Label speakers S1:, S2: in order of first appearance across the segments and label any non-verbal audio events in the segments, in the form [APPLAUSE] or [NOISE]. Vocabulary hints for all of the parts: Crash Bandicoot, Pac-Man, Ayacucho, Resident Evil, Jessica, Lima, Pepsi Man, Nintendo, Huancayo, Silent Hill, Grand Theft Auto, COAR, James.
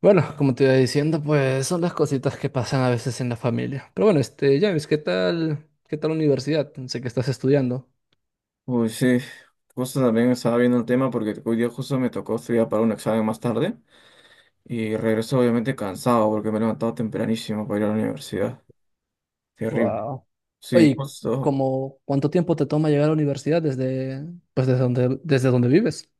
S1: Bueno, como te iba diciendo, pues son las cositas que pasan a veces en la familia. Pero bueno, James, ¿qué tal? ¿Qué tal la universidad? Sé que estás estudiando.
S2: Uy, sí, justo también estaba viendo el tema porque hoy día justo me tocó estudiar para un examen más tarde y regreso obviamente cansado porque me he levantado tempranísimo para ir a la universidad. Terrible.
S1: Wow.
S2: Sí,
S1: Oye,
S2: justo.
S1: ¿cuánto tiempo te toma llegar a la universidad pues desde donde vives?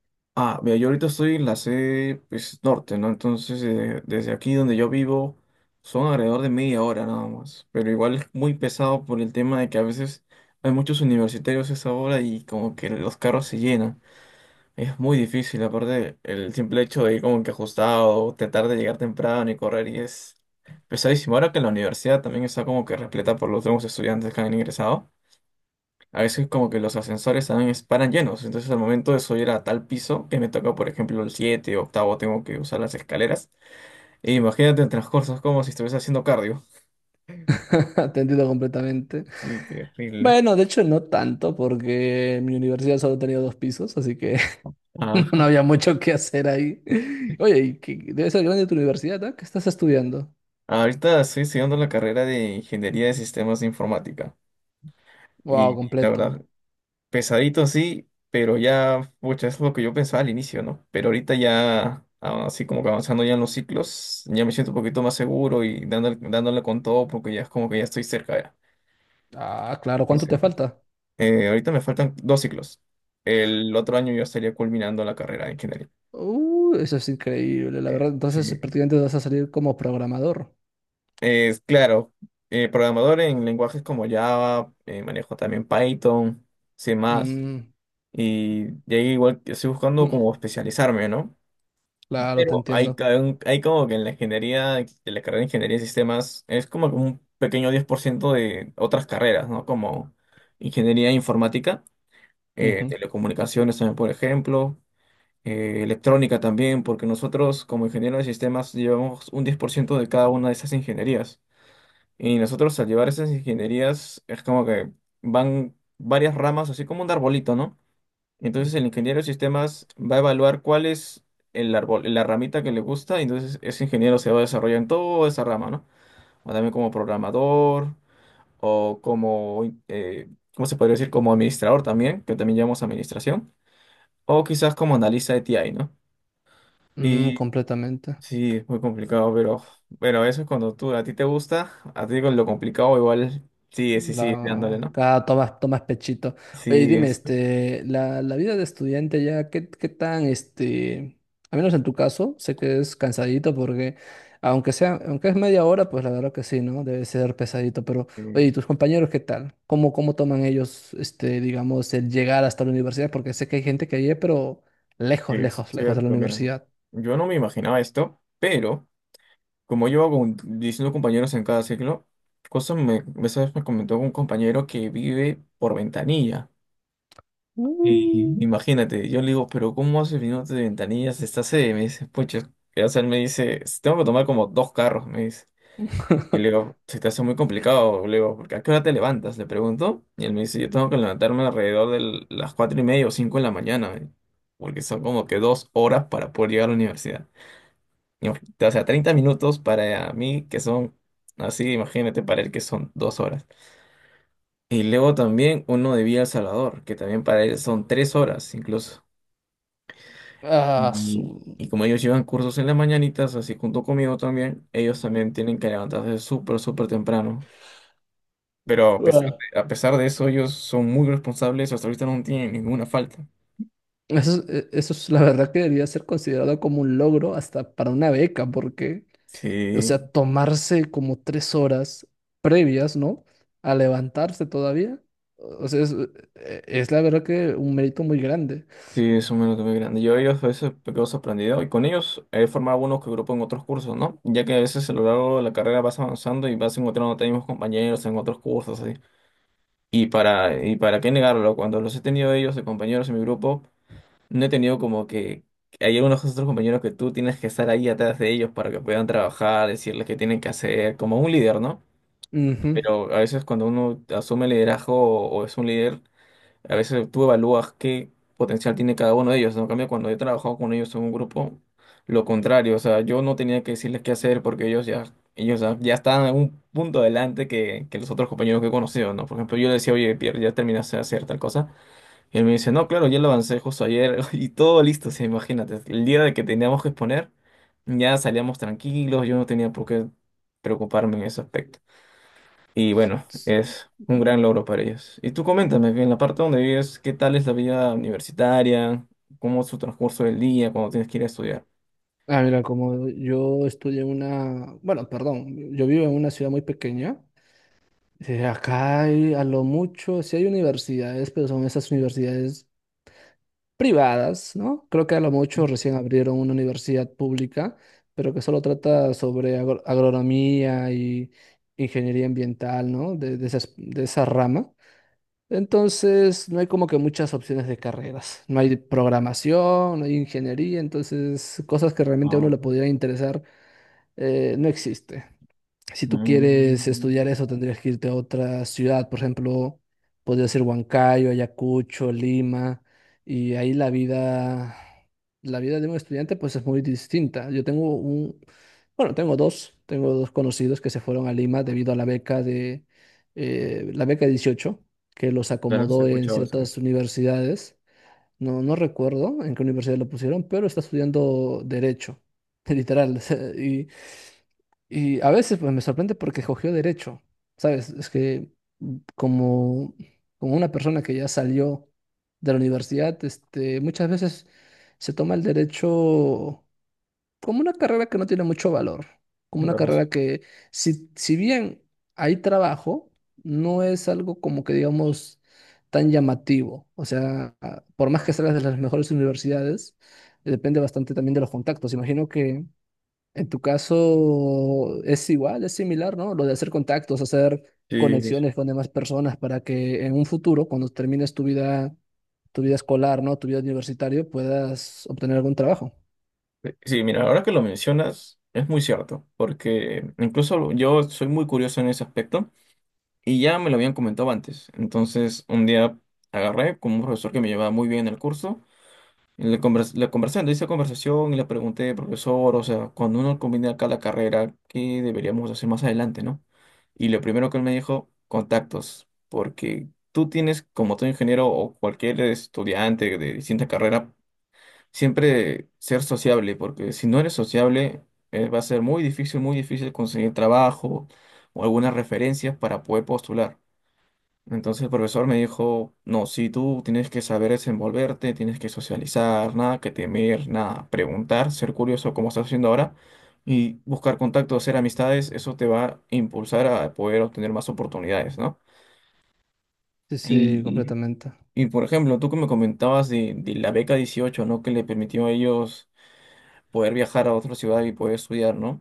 S2: Ah, mira, yo ahorita estoy en la sede pues, norte, ¿no? Entonces, desde aquí donde yo vivo son alrededor de media hora nada más, pero igual es muy pesado por el tema de que a veces hay muchos universitarios a esa hora y como que los carros se llenan. Es muy difícil, aparte el simple hecho de ir como que ajustado, tratar de llegar temprano y correr y es pesadísimo. Ahora que la universidad también está como que repleta por los nuevos estudiantes que han ingresado, a veces como que los ascensores también paran llenos, entonces al momento de subir a tal piso que me toca por ejemplo el 7 o octavo tengo que usar las escaleras, e imagínate el transcurso, es como si estuviese haciendo cardio.
S1: [LAUGHS] Atendido completamente.
S2: Sí, terrible.
S1: Bueno, de hecho no tanto, porque mi universidad solo tenía dos pisos, así que [LAUGHS] no
S2: Ajá.
S1: había mucho que hacer ahí. Oye, debe ser grande tu universidad, ¿ah? ¿Qué estás estudiando?
S2: Ahorita estoy estudiando la carrera de Ingeniería de Sistemas de Informática.
S1: Wow,
S2: Y la
S1: completo.
S2: verdad, pesadito sí, pero ya, pucha, eso es lo que yo pensaba al inicio, ¿no? Pero ahorita ya, así como que avanzando ya en los ciclos, ya me siento un poquito más seguro y dándole, dándole con todo porque ya es como que ya estoy cerca, ya.
S1: Ah, claro, ¿cuánto
S2: Estoy
S1: te
S2: cerca.
S1: falta?
S2: Ahorita me faltan dos ciclos. El otro año yo estaría culminando la carrera de ingeniería.
S1: Eso es increíble, la verdad. Entonces,
S2: Sí.
S1: prácticamente vas a salir como programador.
S2: Es claro, programador en lenguajes como Java, manejo también Python, C++,
S1: Mm,
S2: y de ahí igual estoy buscando como
S1: mm,
S2: especializarme, ¿no?
S1: claro, te
S2: Pero hay,
S1: entiendo.
S2: ca- un- hay como que en la ingeniería, en la carrera de ingeniería de sistemas, es como que un pequeño 10% de otras carreras, ¿no? Como ingeniería informática,
S1: Ujú.
S2: telecomunicaciones también, por ejemplo, electrónica también, porque nosotros como ingenieros de sistemas llevamos un 10% de cada una de esas ingenierías. Y nosotros al llevar esas ingenierías es como que van varias ramas, así como un arbolito, ¿no? Entonces el ingeniero de sistemas va a evaluar cuál es el árbol, la ramita que le gusta, y entonces ese ingeniero se va a desarrollar en toda esa rama, ¿no? O también como programador, o como, eh, ¿cómo se podría decir? Como administrador también, que también llamamos administración, o quizás como analista de TI, ¿no?
S1: Mm,
S2: Y
S1: completamente.
S2: sí, es muy complicado, pero eso es cuando tú, a ti te gusta, a ti con lo complicado igual, sí, sí, sí, dándole, ¿no?
S1: Tomas, tomas pechito. Oye, y
S2: Sí,
S1: dime,
S2: es,
S1: la vida de estudiante ya, ¿qué tan, al menos en tu caso? Sé que es cansadito porque, aunque sea, aunque es media hora, pues la verdad que sí, ¿no? Debe ser pesadito, pero oye, ¿y
S2: sí,
S1: tus compañeros qué tal? ¿Cómo toman ellos, este, digamos, el llegar hasta la universidad? Porque sé que hay gente que vive, pero
S2: sí, eso es
S1: lejos de la
S2: cierto, mira,
S1: universidad.
S2: yo no me imaginaba esto, pero... Como llevo con 19 compañeros en cada ciclo, cosa me, esa vez me comentó un compañero que vive por ventanilla. Y
S1: Mm.
S2: imagínate, yo le digo, pero ¿cómo haces viviendo de ventanilla si estás sede? Me dice, pucha, o sea, él me dice, "Si tengo que tomar como dos carros, me dice. Y le
S1: [LAUGHS]
S2: digo, se te hace muy complicado, le digo, porque ¿a qué hora te levantas? Le pregunto. Y él me dice, yo tengo que levantarme alrededor de las cuatro y media o cinco de la mañana, me dice, porque son como que 2 horas para poder llegar a la universidad. O sea, 30 minutos para mí que son así, imagínate, para él que son 2 horas. Y luego también uno de Villa El Salvador, que también para él son 3 horas incluso.
S1: Ah,
S2: Y,
S1: su...
S2: y como ellos llevan cursos en las mañanitas, así junto conmigo también, ellos también tienen que levantarse súper, súper temprano. Pero a pesar
S1: ah.
S2: de, a pesar de eso, ellos son muy responsables, hasta ahorita no tienen ninguna falta.
S1: Eso es la verdad que debería ser considerado como un logro hasta para una beca, porque o sea,
S2: Sí,
S1: tomarse como tres horas previas, ¿no? A levantarse todavía. O sea, es la verdad que un mérito muy grande.
S2: sí, es un minuto muy grande. Yo ellos a veces me quedo sorprendido y con ellos he formado algunos que grupo en otros cursos, ¿no? Ya que a veces a lo largo de la carrera vas avanzando y vas encontrando a tus mismos compañeros en otros cursos, así. Y para qué negarlo, cuando los he tenido ellos de compañeros en mi grupo, no he tenido como que hay algunos otros compañeros que tú tienes que estar ahí atrás de ellos para que puedan trabajar, decirles qué tienen que hacer, como un líder, ¿no?
S1: Ujú.
S2: Pero a veces cuando uno asume liderazgo o es un líder a veces tú evalúas qué potencial tiene cada uno de ellos, ¿no? En cambio, cuando he trabajado con ellos en un grupo, lo contrario, o sea, yo no tenía que decirles qué hacer porque ya estaban en un punto adelante que los otros compañeros que he conocido, ¿no? Por ejemplo, yo le decía, oye, Pierre, ya terminaste de hacer tal cosa, y él me dice, no, claro, ya lo avancé justo ayer, [LAUGHS] y todo listo, sí, imagínate, el día de que teníamos que exponer, ya salíamos tranquilos, yo no tenía por qué preocuparme en ese aspecto. Y bueno,
S1: S-
S2: es un gran logro para ellos. Y tú coméntame, en la parte donde vives, ¿qué tal es la vida universitaria? ¿Cómo es su transcurso del día cuando tienes que ir a estudiar?
S1: Ah, mira, como yo estudié en una, bueno, perdón, yo vivo en una ciudad muy pequeña. Eh, acá hay a lo mucho, sí hay universidades, pero son esas universidades privadas, ¿no? Creo que a lo mucho recién abrieron una universidad pública, pero que solo trata sobre agronomía y ingeniería ambiental, ¿no? De de esa rama. Entonces, no hay como que muchas opciones de carreras. No hay programación, no hay ingeniería, entonces cosas que realmente a uno
S2: Ah,
S1: le pudiera interesar, no existe. Si tú quieres estudiar
S2: mm,
S1: eso, tendrías que irte a otra ciudad, por ejemplo, podría ser Huancayo, Ayacucho, Lima, y ahí la vida de un estudiante pues es muy distinta. Yo tengo un, bueno, tengo dos, Tengo dos conocidos que se fueron a Lima debido a la beca 18, que los
S2: claro, sí he
S1: acomodó en
S2: escuchado esa
S1: ciertas universidades. No, no recuerdo en qué universidad lo pusieron, pero está estudiando derecho, [LAUGHS] literal. Y a veces pues, me sorprende porque cogió derecho, ¿sabes? Es que mm, como, como una persona que ya salió de la universidad, este, muchas veces se toma el derecho como una carrera que no tiene mucho valor, como una
S2: voz.
S1: carrera que, si, si bien hay trabajo, no es algo como que digamos tan llamativo. O sea, por más que salgas de las mejores universidades, depende bastante también de los contactos. Imagino que en tu caso es igual, es similar, ¿no? Lo de hacer contactos, hacer
S2: Sí,
S1: conexiones con demás personas para que en un futuro, cuando termines tu vida escolar, ¿no? Tu vida universitaria, puedas obtener algún trabajo.
S2: sí, sí, mira, ahora que lo mencionas, es muy cierto, porque incluso yo soy muy curioso en ese aspecto y ya me lo habían comentado antes. Entonces, un día agarré con un profesor que me llevaba muy bien en el curso. En la conversando, hice conversación y le pregunté, profesor, o sea, cuando uno combina acá la carrera, ¿qué deberíamos hacer más adelante, no? Y lo primero que él me dijo, contactos, porque tú tienes, como todo ingeniero o cualquier estudiante de distinta carrera, siempre ser sociable, porque si no eres sociable, va a ser muy difícil conseguir trabajo o algunas referencias para poder postular. Entonces el profesor me dijo, no, si tú tienes que saber desenvolverte, tienes que socializar, nada que temer, nada, preguntar, ser curioso como estás haciendo ahora y buscar contactos, hacer amistades, eso te va a impulsar a poder obtener más oportunidades, ¿no?
S1: Sí, sí,
S2: Y,
S1: completamente.
S2: y por ejemplo, tú que me comentabas de la beca 18, ¿no? Que le permitió a ellos poder viajar a otra ciudad y poder estudiar, ¿no?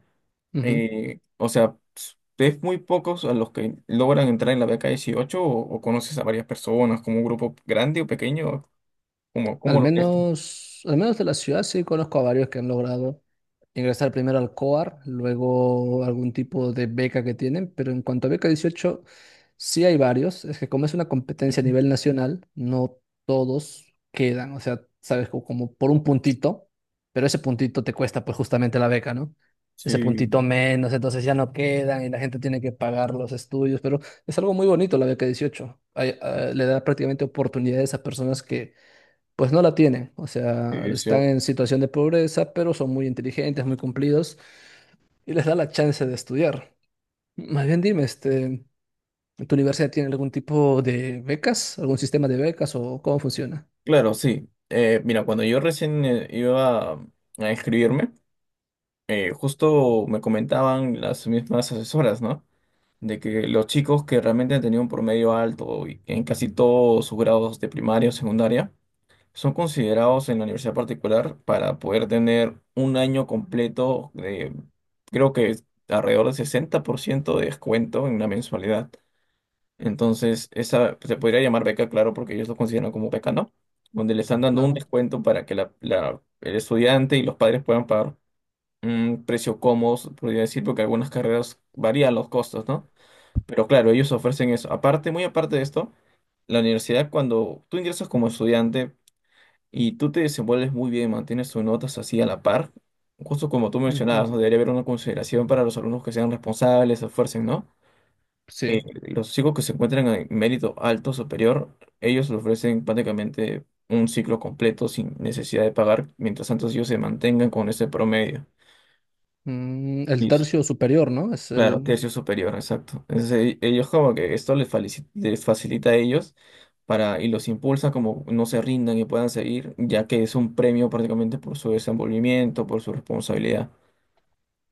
S1: Ujú.
S2: O sea, es muy pocos a los que logran entrar en la beca 18, o conoces a varias personas, como un grupo grande o pequeño, como, ¿cómo lo ves tú?
S1: Al menos de la ciudad sí conozco a varios que han logrado ingresar primero al COAR, luego algún tipo de beca que tienen, pero en cuanto a beca 18 sí hay varios. Es que como es una
S2: Ujú.
S1: competencia a nivel nacional, no todos quedan, o sea, sabes, por un puntito, pero ese puntito te cuesta pues justamente la beca, ¿no? Ese puntito
S2: Sí,
S1: menos, entonces ya no quedan y la gente tiene que pagar los estudios, pero es algo muy bonito la beca 18. Le da prácticamente oportunidades a personas que pues no la tienen. O
S2: sí,
S1: sea,
S2: es
S1: están
S2: cierto.
S1: en situación de pobreza, pero son muy inteligentes, muy cumplidos, y les da la chance de estudiar. Más bien dime, este, ¿tu universidad tiene algún tipo de becas, algún sistema de becas, o cómo funciona?
S2: Claro, sí. Mira, cuando yo recién iba a inscribirme, justo me comentaban las mismas asesoras, ¿no? De que los chicos que realmente han tenido un promedio alto y en casi todos sus grados de primaria o secundaria, son considerados en la universidad particular para poder tener un año completo de, creo que es alrededor del 60% de descuento en una mensualidad. Entonces, esa se podría llamar beca, claro, porque ellos lo consideran como beca, ¿no? Donde le están dando un
S1: Claro.
S2: descuento para que el estudiante y los padres puedan pagar un precio cómodo, podría decir, porque algunas carreras varían los costos, ¿no? Pero claro, ellos ofrecen eso. Aparte, muy aparte de esto, la universidad, cuando tú ingresas como estudiante, y tú te desenvuelves muy bien, mantienes tus notas así a la par. Justo como tú
S1: Ujú,
S2: mencionabas, ¿no? Debería haber una consideración para los alumnos que sean responsables, se esfuercen, ¿no? Eh,
S1: sí.
S2: los chicos que se encuentran en mérito alto superior, ellos le ofrecen prácticamente un ciclo completo sin necesidad de pagar, mientras tanto ellos se mantengan con ese promedio.
S1: Mm, el
S2: Y,
S1: tercio superior, ¿no? Es
S2: Claro,
S1: el...
S2: tercio superior, exacto. Entonces, ellos como que esto les facilita a ellos para, y los impulsa como no se rindan y puedan seguir, ya que es un premio prácticamente por su desenvolvimiento, por su responsabilidad.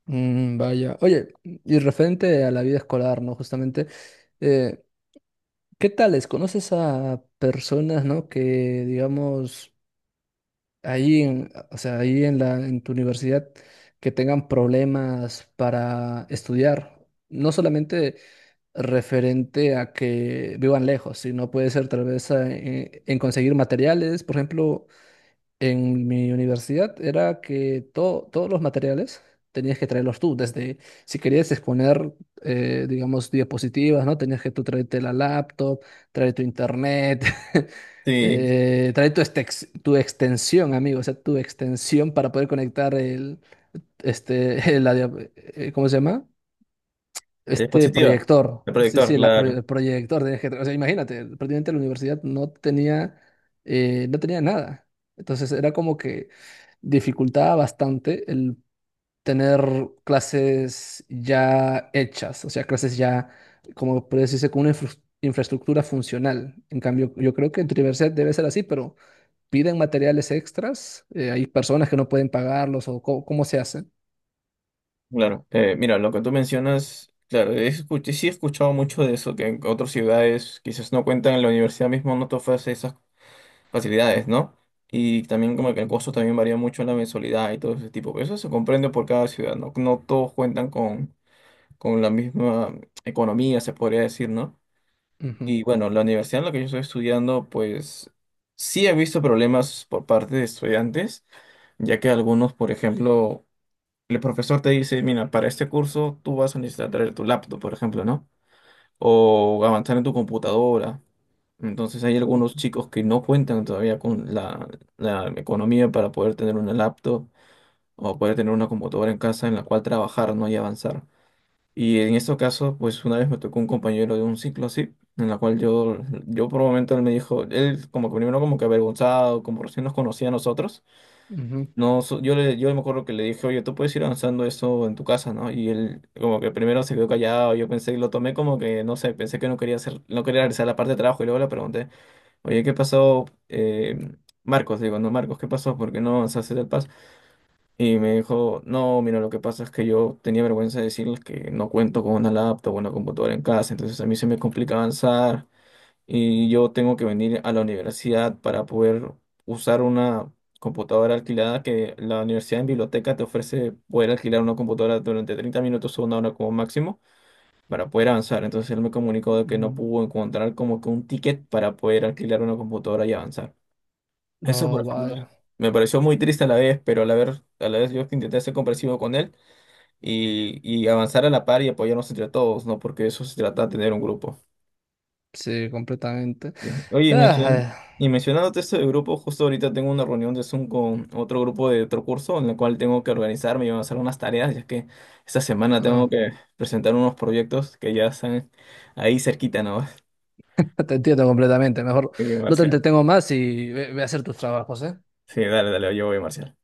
S1: Mm, vaya. Oye, y referente a la vida escolar, ¿no? Justamente, eh, ¿qué tales? ¿Conoces a personas, ¿no? Que, digamos... ahí en, o sea, ahí en en tu universidad que tengan problemas para estudiar. No solamente referente a que vivan lejos, sino puede ser tal vez en conseguir materiales. Por ejemplo, en mi universidad era que todos los materiales tenías que traerlos tú, desde si querías exponer, digamos, diapositivas, ¿no? Tenías que tú traerte la laptop, traer tu internet, [LAUGHS]
S2: Sí,
S1: traer tu, tu extensión, amigo, o sea, tu extensión para poder conectar el, este, [LAUGHS] ¿cómo se llama?
S2: la
S1: Este
S2: diapositiva,
S1: proyector.
S2: el
S1: Sí,
S2: proyector,
S1: sí,
S2: claro,
S1: el proyector. Tenías que o sea, imagínate, prácticamente la universidad no tenía, no tenía nada. Entonces era como que dificultaba bastante el tener clases ya hechas, o sea, clases ya, como puede decirse, con una infraestructura funcional. En cambio, yo creo que en tu universidad debe ser así, pero piden materiales extras, hay personas que no pueden pagarlos o cómo se hace.
S2: claro. Mira, lo que tú mencionas, claro, sí he escuchado mucho de eso, que en otras ciudades quizás no cuentan, en la universidad mismo no te ofrece esas facilidades, ¿no? Y también como que el costo también varía mucho en la mensualidad y todo ese tipo. Pero eso se comprende por cada ciudad, ¿no? No todos cuentan con la misma economía, se podría decir, ¿no?
S1: Ujú,
S2: Y bueno, la universidad en la que yo estoy estudiando, pues sí he visto problemas por parte de estudiantes, ya que algunos, por ejemplo, el profesor te dice, mira, para este curso tú vas a necesitar traer tu laptop, por ejemplo, ¿no? O avanzar en tu computadora. Entonces hay
S1: ujú,
S2: algunos chicos que no cuentan todavía con la economía para poder tener una laptop o poder tener una computadora en casa en la cual trabajar, ¿no? Y avanzar. Y en estos casos, pues una vez me tocó un compañero de un ciclo así, en la cual yo por un momento él me dijo, él como que primero como que avergonzado, como recién nos conocía a nosotros,
S1: ujú,
S2: no, yo me acuerdo que le dije, oye, tú puedes ir avanzando eso en tu casa, ¿no? Y él como que primero se quedó callado, yo pensé, lo tomé como que, no sé, pensé que no quería hacer, no quería regresar la parte de trabajo y luego le pregunté, oye, ¿qué pasó? Marcos, digo, no, Marcos, ¿qué pasó? ¿Por qué no avanzaste del PAS? Y me dijo, no, mira, lo que pasa es que yo tenía vergüenza de decirles que no cuento con una laptop o una computadora en casa, entonces a mí se me complica avanzar y yo tengo que venir a la universidad para poder usar una computadora alquilada que la universidad en biblioteca te ofrece poder alquilar una computadora durante 30 minutos o una hora como máximo para poder avanzar. Entonces él me comunicó de que no
S1: ujú.
S2: pudo encontrar como que un ticket para poder alquilar una computadora y avanzar. Eso, por
S1: No,
S2: ejemplo,
S1: vaya.
S2: me pareció muy triste a la vez, pero a la vez yo intenté ser comprensivo con él y avanzar a la par y apoyarnos entre todos, ¿no? Porque eso se trata de tener un grupo.
S1: Sí, completamente.
S2: Sí. Oye, y mencion-
S1: Ah,
S2: y mencionándote esto de grupo, justo ahorita tengo una reunión de Zoom con otro grupo de otro curso en la cual tengo que organizarme y van a hacer unas tareas, ya que esta semana tengo
S1: ah,
S2: que presentar unos proyectos que ya están ahí cerquita, ¿no? [LAUGHS]
S1: ah, te entiendo completamente. Mejor
S2: Sí,
S1: no te
S2: Marcial.
S1: entretengo más y ve a hacer tus trabajos, ¿eh?
S2: Sí, dale, dale, yo voy, Marcial.